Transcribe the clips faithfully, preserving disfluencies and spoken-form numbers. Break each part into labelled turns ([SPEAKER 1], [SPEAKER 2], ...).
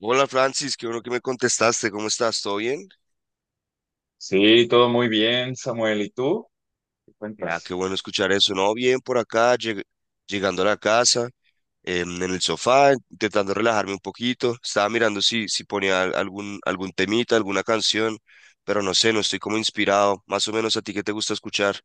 [SPEAKER 1] Hola Francis, qué bueno que me contestaste, ¿cómo estás? ¿Todo bien?
[SPEAKER 2] Sí, todo muy bien, Samuel. ¿Y tú? ¿Qué
[SPEAKER 1] Ya, qué
[SPEAKER 2] cuentas?
[SPEAKER 1] bueno escuchar eso, ¿no? Bien por acá, lleg- llegando a la casa, em, en el sofá, intentando relajarme un poquito. Estaba mirando si, si ponía al- algún, algún temita, alguna canción, pero no sé, no estoy como inspirado. Más o menos a ti, ¿qué te gusta escuchar?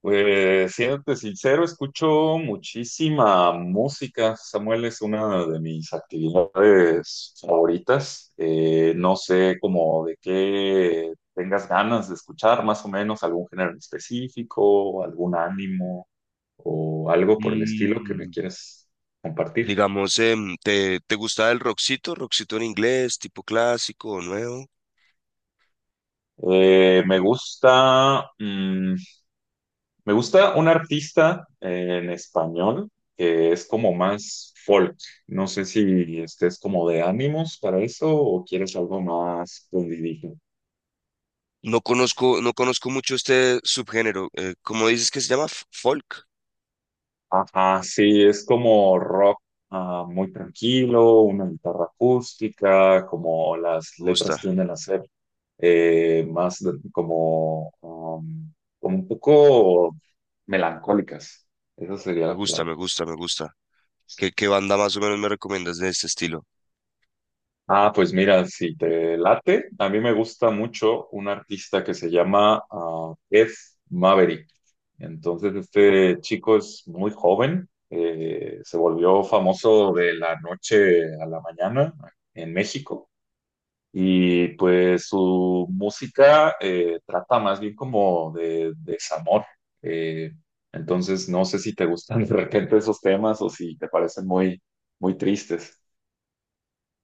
[SPEAKER 2] Pues, siéndote sincero, escucho muchísima música. Samuel es una de mis actividades favoritas. Eh, no sé cómo de qué tengas ganas de escuchar, más o menos, algún género en específico, algún ánimo o algo por el estilo que me
[SPEAKER 1] Mm,
[SPEAKER 2] quieres compartir.
[SPEAKER 1] digamos, em, ¿te, te gusta el rockcito? ¿Rockcito en inglés, tipo clásico o nuevo?
[SPEAKER 2] Eh, me gusta. mm, Me gusta un artista eh, en español que es como más folk. No sé si estés como de ánimos para eso o quieres algo más pondidito.
[SPEAKER 1] No conozco, no conozco mucho este subgénero. Eh, ¿cómo dices que se llama? F- Folk.
[SPEAKER 2] Ajá, sí, es como rock, ah, muy tranquilo, una guitarra acústica, como las
[SPEAKER 1] Me gusta.
[SPEAKER 2] letras tienden a ser eh, más de- como, um, como un poco melancólicas. Esa sería
[SPEAKER 1] Me
[SPEAKER 2] la
[SPEAKER 1] gusta,
[SPEAKER 2] palabra.
[SPEAKER 1] me gusta, me gusta. ¿Qué, qué banda más o menos me recomiendas de este estilo?
[SPEAKER 2] Ah, pues mira, si te late, a mí me gusta mucho un artista que se llama, ah, Ed Maverick. Entonces, este chico es muy joven, eh, se volvió famoso de la noche a la mañana en México, y pues su música eh, trata más bien como de desamor. Eh, entonces, no sé si te gustan de repente esos temas o si te parecen muy, muy tristes.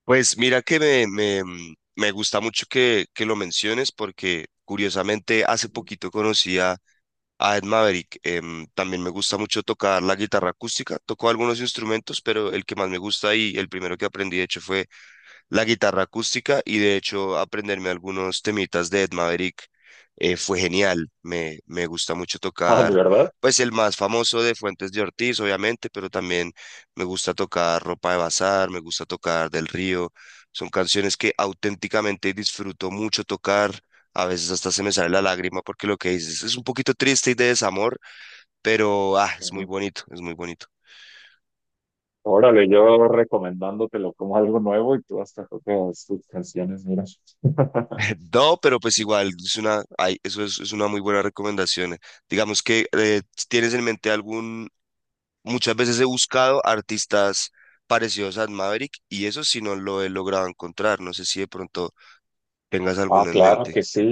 [SPEAKER 1] Pues mira que me, me, mm, me gusta mucho que, que lo menciones porque curiosamente hace poquito conocí a, a Ed Maverick. Em, también me gusta mucho tocar la guitarra acústica. Toco algunos instrumentos, pero el que más me gusta y el primero que aprendí de hecho fue la guitarra acústica, y de hecho aprenderme algunos temitas de Ed Maverick eh, fue genial. Me, me gusta mucho
[SPEAKER 2] Ah, ¿de
[SPEAKER 1] tocar,
[SPEAKER 2] verdad?
[SPEAKER 1] pues el más famoso, de Fuentes de Ortiz, obviamente, pero también me gusta tocar Ropa de Bazar, me gusta tocar Del Río. Son canciones que auténticamente disfruto mucho tocar. A veces hasta se me sale la lágrima porque lo que dices es un poquito triste y de desamor, pero ah, es muy bonito, es muy bonito.
[SPEAKER 2] Órale, yo recomendándotelo como algo nuevo y tú hasta tocas tus canciones, mira.
[SPEAKER 1] No, pero pues igual, es una, ay, eso es, es una muy buena recomendación. Digamos que eh, tienes en mente algún, muchas veces he buscado artistas parecidos a Maverick y eso sí no lo he logrado encontrar. No sé si de pronto tengas
[SPEAKER 2] Ah,
[SPEAKER 1] alguno en
[SPEAKER 2] claro
[SPEAKER 1] mente.
[SPEAKER 2] que sí.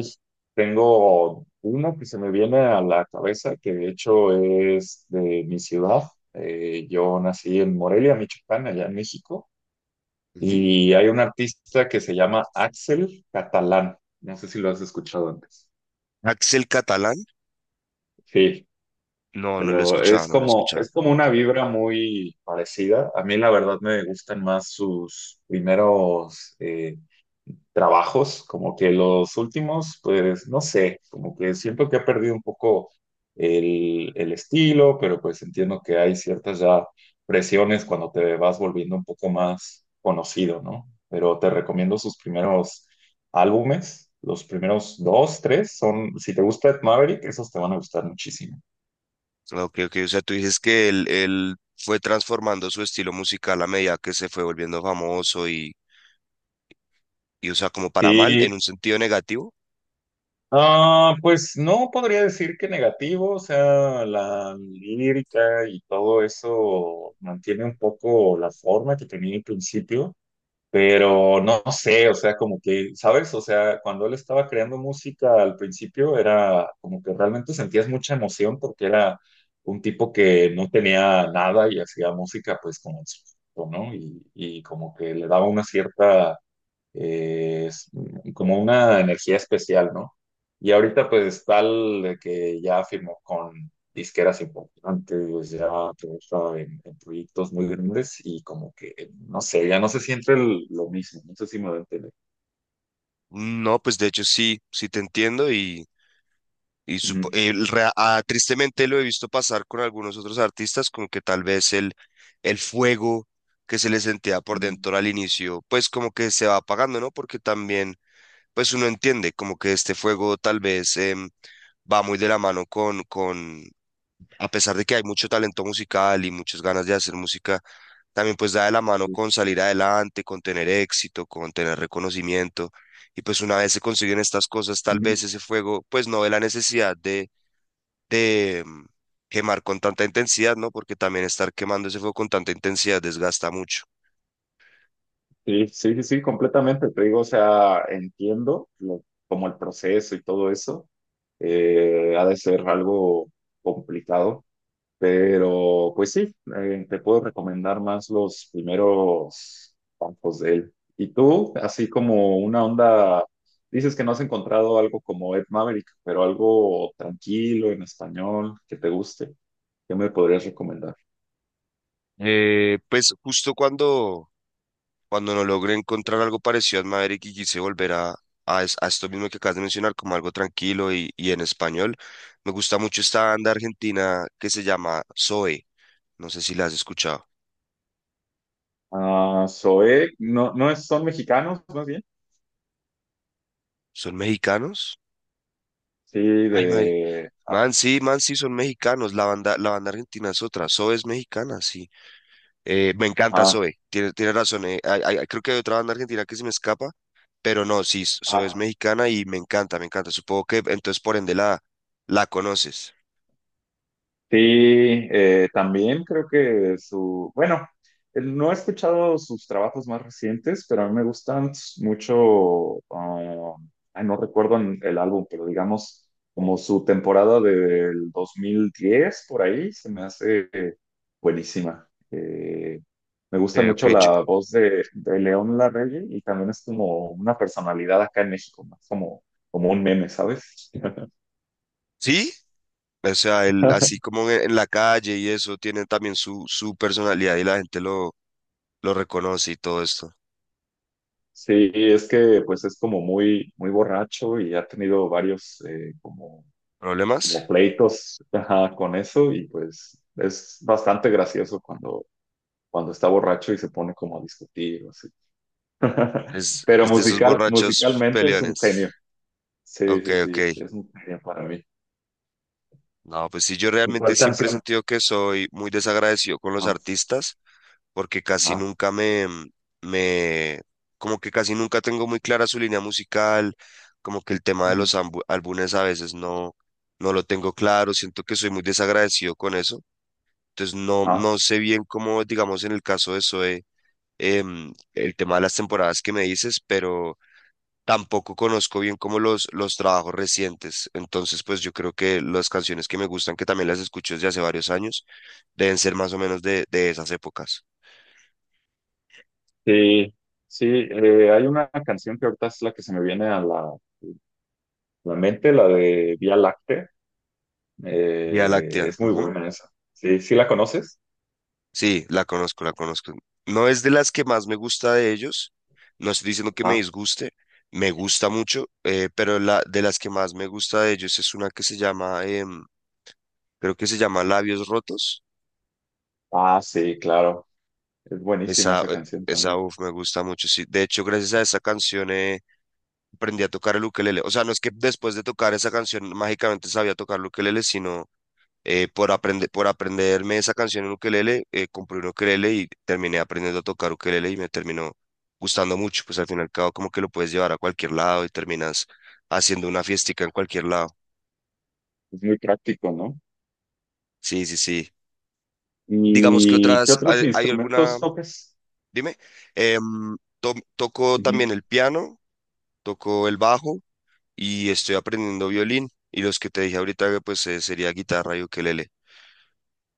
[SPEAKER 2] Tengo uno que se me viene a la cabeza, que de hecho es de mi ciudad. Eh, yo nací en Morelia, Michoacán, allá en México,
[SPEAKER 1] Ujú.
[SPEAKER 2] y hay un artista que se llama Axel Catalán. No sé si lo has escuchado antes.
[SPEAKER 1] Axel Catalán,
[SPEAKER 2] Sí.
[SPEAKER 1] no, no lo he
[SPEAKER 2] Pero
[SPEAKER 1] escuchado,
[SPEAKER 2] es
[SPEAKER 1] no lo he
[SPEAKER 2] como,
[SPEAKER 1] escuchado.
[SPEAKER 2] es como una vibra muy parecida. A mí la verdad me gustan más sus primeros eh, trabajos, como que los últimos, pues no sé, como que siento que ha perdido un poco el, el estilo, pero pues entiendo que hay ciertas ya presiones cuando te vas volviendo un poco más conocido, ¿no? Pero te recomiendo sus primeros álbumes, los primeros dos, tres, son, si te gusta Ed Maverick, esos te van a gustar muchísimo.
[SPEAKER 1] Ok, ok, o sea, tú dices que él, él fue transformando su estilo musical a medida que se fue volviendo famoso y, y, o sea, como para mal, en
[SPEAKER 2] Sí,
[SPEAKER 1] un sentido negativo.
[SPEAKER 2] ah, pues no podría decir que negativo, o sea, la lírica y todo eso mantiene un poco la forma que tenía al principio, pero no sé, o sea, como que, ¿sabes? O sea, cuando él estaba creando música al principio era como que realmente sentías mucha emoción porque era un tipo que no tenía nada y hacía música pues como en su, ¿no? Y, y como que le daba una cierta, eh, es como una energía especial, ¿no? Y ahorita pues tal de que ya firmó con disqueras importantes, ya trabaja en, en proyectos muy grandes y como que, no sé, ya no se siente el- lo mismo, no sé si me voy a entender.
[SPEAKER 1] No, pues de hecho sí, sí te entiendo. Y supo-
[SPEAKER 2] Ujú,
[SPEAKER 1] el rea- ah, tristemente lo he visto pasar con algunos otros artistas, como que tal vez el, el fuego que se le sentía por
[SPEAKER 2] ujú,
[SPEAKER 1] dentro al inicio, pues como que se va apagando, ¿no? Porque también, pues uno entiende como que este fuego tal vez em, va muy de la mano con, con, a pesar de que hay mucho talento musical y muchas ganas de hacer música, también pues da de la mano
[SPEAKER 2] sí,
[SPEAKER 1] con salir adelante, con tener éxito, con tener reconocimiento. Y pues una vez se consiguen estas cosas, tal vez
[SPEAKER 2] ujú.
[SPEAKER 1] ese fuego, pues no ve la necesidad de de mm, quemar con tanta intensidad, ¿no? Porque también estar quemando ese fuego con tanta intensidad desgasta mucho.
[SPEAKER 2] Sí, sí, sí, completamente, te digo, o sea, entiendo lo- como el proceso y todo eso, eh, ha de ser algo complicado. Pero, pues sí, eh, te puedo recomendar más los primeros campos de él. Y tú, así como una onda, dices que no has encontrado algo como Ed Maverick, pero algo tranquilo en español que te guste. ¿Qué me podrías recomendar?
[SPEAKER 1] Eh, pues justo cuando, cuando no logré encontrar algo parecido a Maverick y quise volver a, a, es- a esto mismo que acabas de mencionar, como algo tranquilo y, y en español, me gusta mucho esta banda argentina que se llama Zoe. No sé si la has escuchado.
[SPEAKER 2] Ah, Zoé, no, no es- son mexicanos, más bien.
[SPEAKER 1] ¿Son mexicanos?
[SPEAKER 2] Sí,
[SPEAKER 1] Ay, may-
[SPEAKER 2] de.
[SPEAKER 1] man, sí, man, sí, son mexicanos. La banda, la banda argentina es otra. Zoe es mexicana, sí. Eh, me encanta Zoe, tiene, tiene razón. Eh, hay- hay- creo que hay otra banda argentina que se me escapa, pero no, sí, Zoe es
[SPEAKER 2] Ajá.
[SPEAKER 1] mexicana y me encanta, me encanta. Supongo que entonces, por ende, la, la conoces.
[SPEAKER 2] Sí, eh, también creo que su, bueno, eh, no he escuchado sus trabajos más recientes, pero a mí me gustan s- mucho, ah, ay, no recuerdo en- el álbum, pero digamos como su temporada del dos mil diez por ahí, se me hace eh, buenísima. Eh, me
[SPEAKER 1] Ok,
[SPEAKER 2] gusta
[SPEAKER 1] ok.
[SPEAKER 2] mucho
[SPEAKER 1] Yo-
[SPEAKER 2] la voz de, de León Larregui, y también es como una personalidad acá en México, más como, como un meme, ¿sabes?
[SPEAKER 1] sí, o sea, él, así como en, en la calle y eso, tiene también su, su personalidad y la gente lo, lo reconoce y todo esto.
[SPEAKER 2] Sí, es que pues es como muy, muy borracho y ha tenido varios, eh, como, como
[SPEAKER 1] ¿Problemas?
[SPEAKER 2] pleitos, ajá, con eso, y pues es bastante gracioso cuando, cuando está borracho y se pone como a discutir o así.
[SPEAKER 1] Es,
[SPEAKER 2] Pero
[SPEAKER 1] es de esos
[SPEAKER 2] musical,
[SPEAKER 1] borrachos
[SPEAKER 2] musicalmente es un genio.
[SPEAKER 1] peleones.
[SPEAKER 2] Sí,
[SPEAKER 1] Ok,
[SPEAKER 2] sí,
[SPEAKER 1] ok.
[SPEAKER 2] sí, es un genio para mí.
[SPEAKER 1] No, pues sí, yo
[SPEAKER 2] ¿Y
[SPEAKER 1] realmente
[SPEAKER 2] cuál
[SPEAKER 1] siempre he
[SPEAKER 2] canción?
[SPEAKER 1] sentido que soy muy desagradecido con los
[SPEAKER 2] Ajá,
[SPEAKER 1] artistas porque casi
[SPEAKER 2] ajá,
[SPEAKER 1] nunca me, me, como que casi nunca tengo muy clara su línea musical, como que el tema de
[SPEAKER 2] ujú,
[SPEAKER 1] los ambu- álbumes a veces no, no lo tengo claro, siento que soy muy desagradecido con eso, entonces no,
[SPEAKER 2] ajá.
[SPEAKER 1] no sé bien cómo, digamos, en el caso de Zoe, em, el tema de las temporadas que me dices, pero tampoco conozco bien como los, los trabajos recientes, entonces pues yo creo que las canciones que me gustan, que también las escucho desde hace varios años, deben ser más o menos de, de esas épocas.
[SPEAKER 2] Sí, sí, eh, hay una canción que ahorita es la que se me viene a la, la mente, la de Vía Láctea.
[SPEAKER 1] Vía
[SPEAKER 2] Eh,
[SPEAKER 1] Láctea.
[SPEAKER 2] es muy
[SPEAKER 1] Ujú.
[SPEAKER 2] buena esa. Sí, ¿sí la conoces?
[SPEAKER 1] Sí, la conozco, la conozco. No es de las que más me gusta de ellos. No estoy diciendo que me
[SPEAKER 2] Ah,
[SPEAKER 1] disguste. Me gusta mucho, eh, pero la, de las que más me gusta de ellos es una que se llama, em, creo que se llama Labios Rotos.
[SPEAKER 2] ah, sí, claro. Es buenísima
[SPEAKER 1] Esa,
[SPEAKER 2] esa
[SPEAKER 1] eh,
[SPEAKER 2] canción
[SPEAKER 1] esa,
[SPEAKER 2] también.
[SPEAKER 1] uf, me gusta mucho. Sí, de hecho, gracias a esa canción eh, aprendí a tocar el ukelele. O sea, no es que después de tocar esa canción mágicamente sabía tocar el ukelele, sino eh, por aprender, por aprenderme esa canción en ukelele, eh, compré un ukelele y terminé aprendiendo a tocar ukelele y me terminó gustando mucho, pues al fin y al cabo como que lo puedes llevar a cualquier lado y terminas haciendo una fiestica en cualquier lado.
[SPEAKER 2] Es muy práctico, ¿no?
[SPEAKER 1] Sí, sí, sí. Digamos que
[SPEAKER 2] ¿Y qué
[SPEAKER 1] otras,
[SPEAKER 2] otros
[SPEAKER 1] ¿hay, hay alguna?
[SPEAKER 2] instrumentos tocas?
[SPEAKER 1] Dime. Em, to- toco también el piano, toco el bajo y estoy aprendiendo violín. Y los que te dije ahorita, pues eh, sería guitarra y ukelele.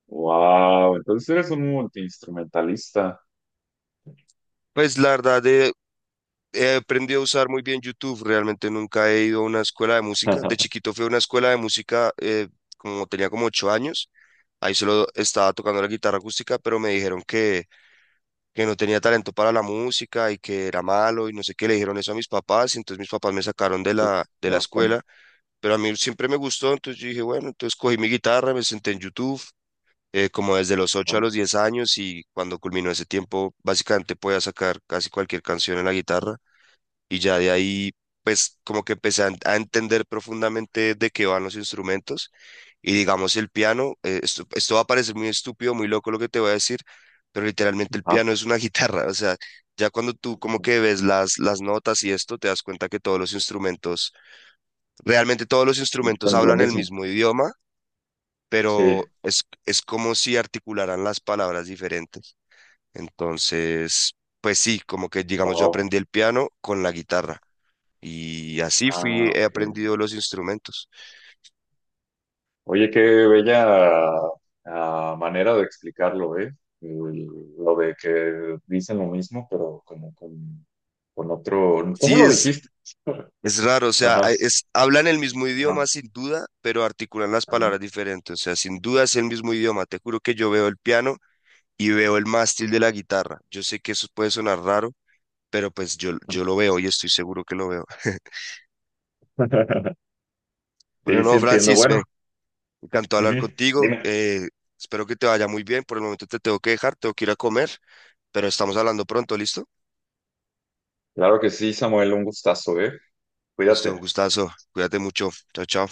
[SPEAKER 2] Wow, entonces eres un multiinstrumentalista.
[SPEAKER 1] Pues la verdad, de, he aprendido a usar muy bien YouTube, realmente nunca he ido a una escuela de música. De chiquito fui a una escuela de música eh, como tenía como ocho años, ahí solo estaba tocando la guitarra acústica, pero me dijeron que, que no tenía talento para la música y que era malo y no sé qué, le dijeron eso a mis papás, y entonces mis papás me sacaron de
[SPEAKER 2] Uy,
[SPEAKER 1] la,
[SPEAKER 2] qué
[SPEAKER 1] de la
[SPEAKER 2] bastante.
[SPEAKER 1] escuela, pero a mí siempre me gustó, entonces yo dije, bueno, entonces cogí mi guitarra, me senté en YouTube. Eh, como desde los ocho a
[SPEAKER 2] Ah,
[SPEAKER 1] los diez años y cuando culminó ese tiempo, básicamente podía sacar casi cualquier canción en la guitarra, y ya de ahí, pues como que empecé a, en- a entender profundamente de qué van los instrumentos, y digamos el piano, eh, esto, esto va a parecer muy estúpido, muy loco lo que te voy a decir, pero literalmente el
[SPEAKER 2] ajá,
[SPEAKER 1] piano es una guitarra, o sea, ya cuando tú como
[SPEAKER 2] ajá.
[SPEAKER 1] que ves las, las notas y esto, te das cuenta que todos los instrumentos, realmente todos los instrumentos
[SPEAKER 2] Bastante lo
[SPEAKER 1] hablan el
[SPEAKER 2] mismo.
[SPEAKER 1] mismo idioma.
[SPEAKER 2] Sí.
[SPEAKER 1] Pero es, es como si articularan las palabras diferentes. Entonces, pues sí, como que digamos yo
[SPEAKER 2] Wow.
[SPEAKER 1] aprendí el piano con la guitarra. Y así fui,
[SPEAKER 2] Ah,
[SPEAKER 1] he
[SPEAKER 2] ok.
[SPEAKER 1] aprendido los instrumentos.
[SPEAKER 2] Oye, qué bella, ah, manera de explicarlo, ¿eh? El- lo de que dicen lo mismo, pero como con, con otro... ¿Cómo
[SPEAKER 1] Sí,
[SPEAKER 2] lo
[SPEAKER 1] es,
[SPEAKER 2] dijiste?
[SPEAKER 1] es raro, o sea,
[SPEAKER 2] Ajá,
[SPEAKER 1] hay- es, hablan el mismo
[SPEAKER 2] ajá,
[SPEAKER 1] idioma sin duda, pero articulan las
[SPEAKER 2] ajá.
[SPEAKER 1] palabras diferentes. O sea, sin duda es el mismo idioma. Te juro que yo veo el piano y veo el mástil de la guitarra. Yo sé que eso puede sonar raro, pero pues yo, yo lo veo y estoy seguro que lo veo. Bueno,
[SPEAKER 2] Sí, sí
[SPEAKER 1] no,
[SPEAKER 2] entiendo.
[SPEAKER 1] Francis,
[SPEAKER 2] Bueno,
[SPEAKER 1] me encantó hablar
[SPEAKER 2] ujú,
[SPEAKER 1] contigo.
[SPEAKER 2] dime.
[SPEAKER 1] Eh, espero que te vaya muy bien. Por el momento te tengo que dejar, tengo que ir a comer, pero estamos hablando pronto, ¿listo?
[SPEAKER 2] Claro que sí, Samuel, un gustazo, ¿eh?
[SPEAKER 1] Listo, un
[SPEAKER 2] Cuídate.
[SPEAKER 1] gustazo. Cuídate mucho. Chao, chao.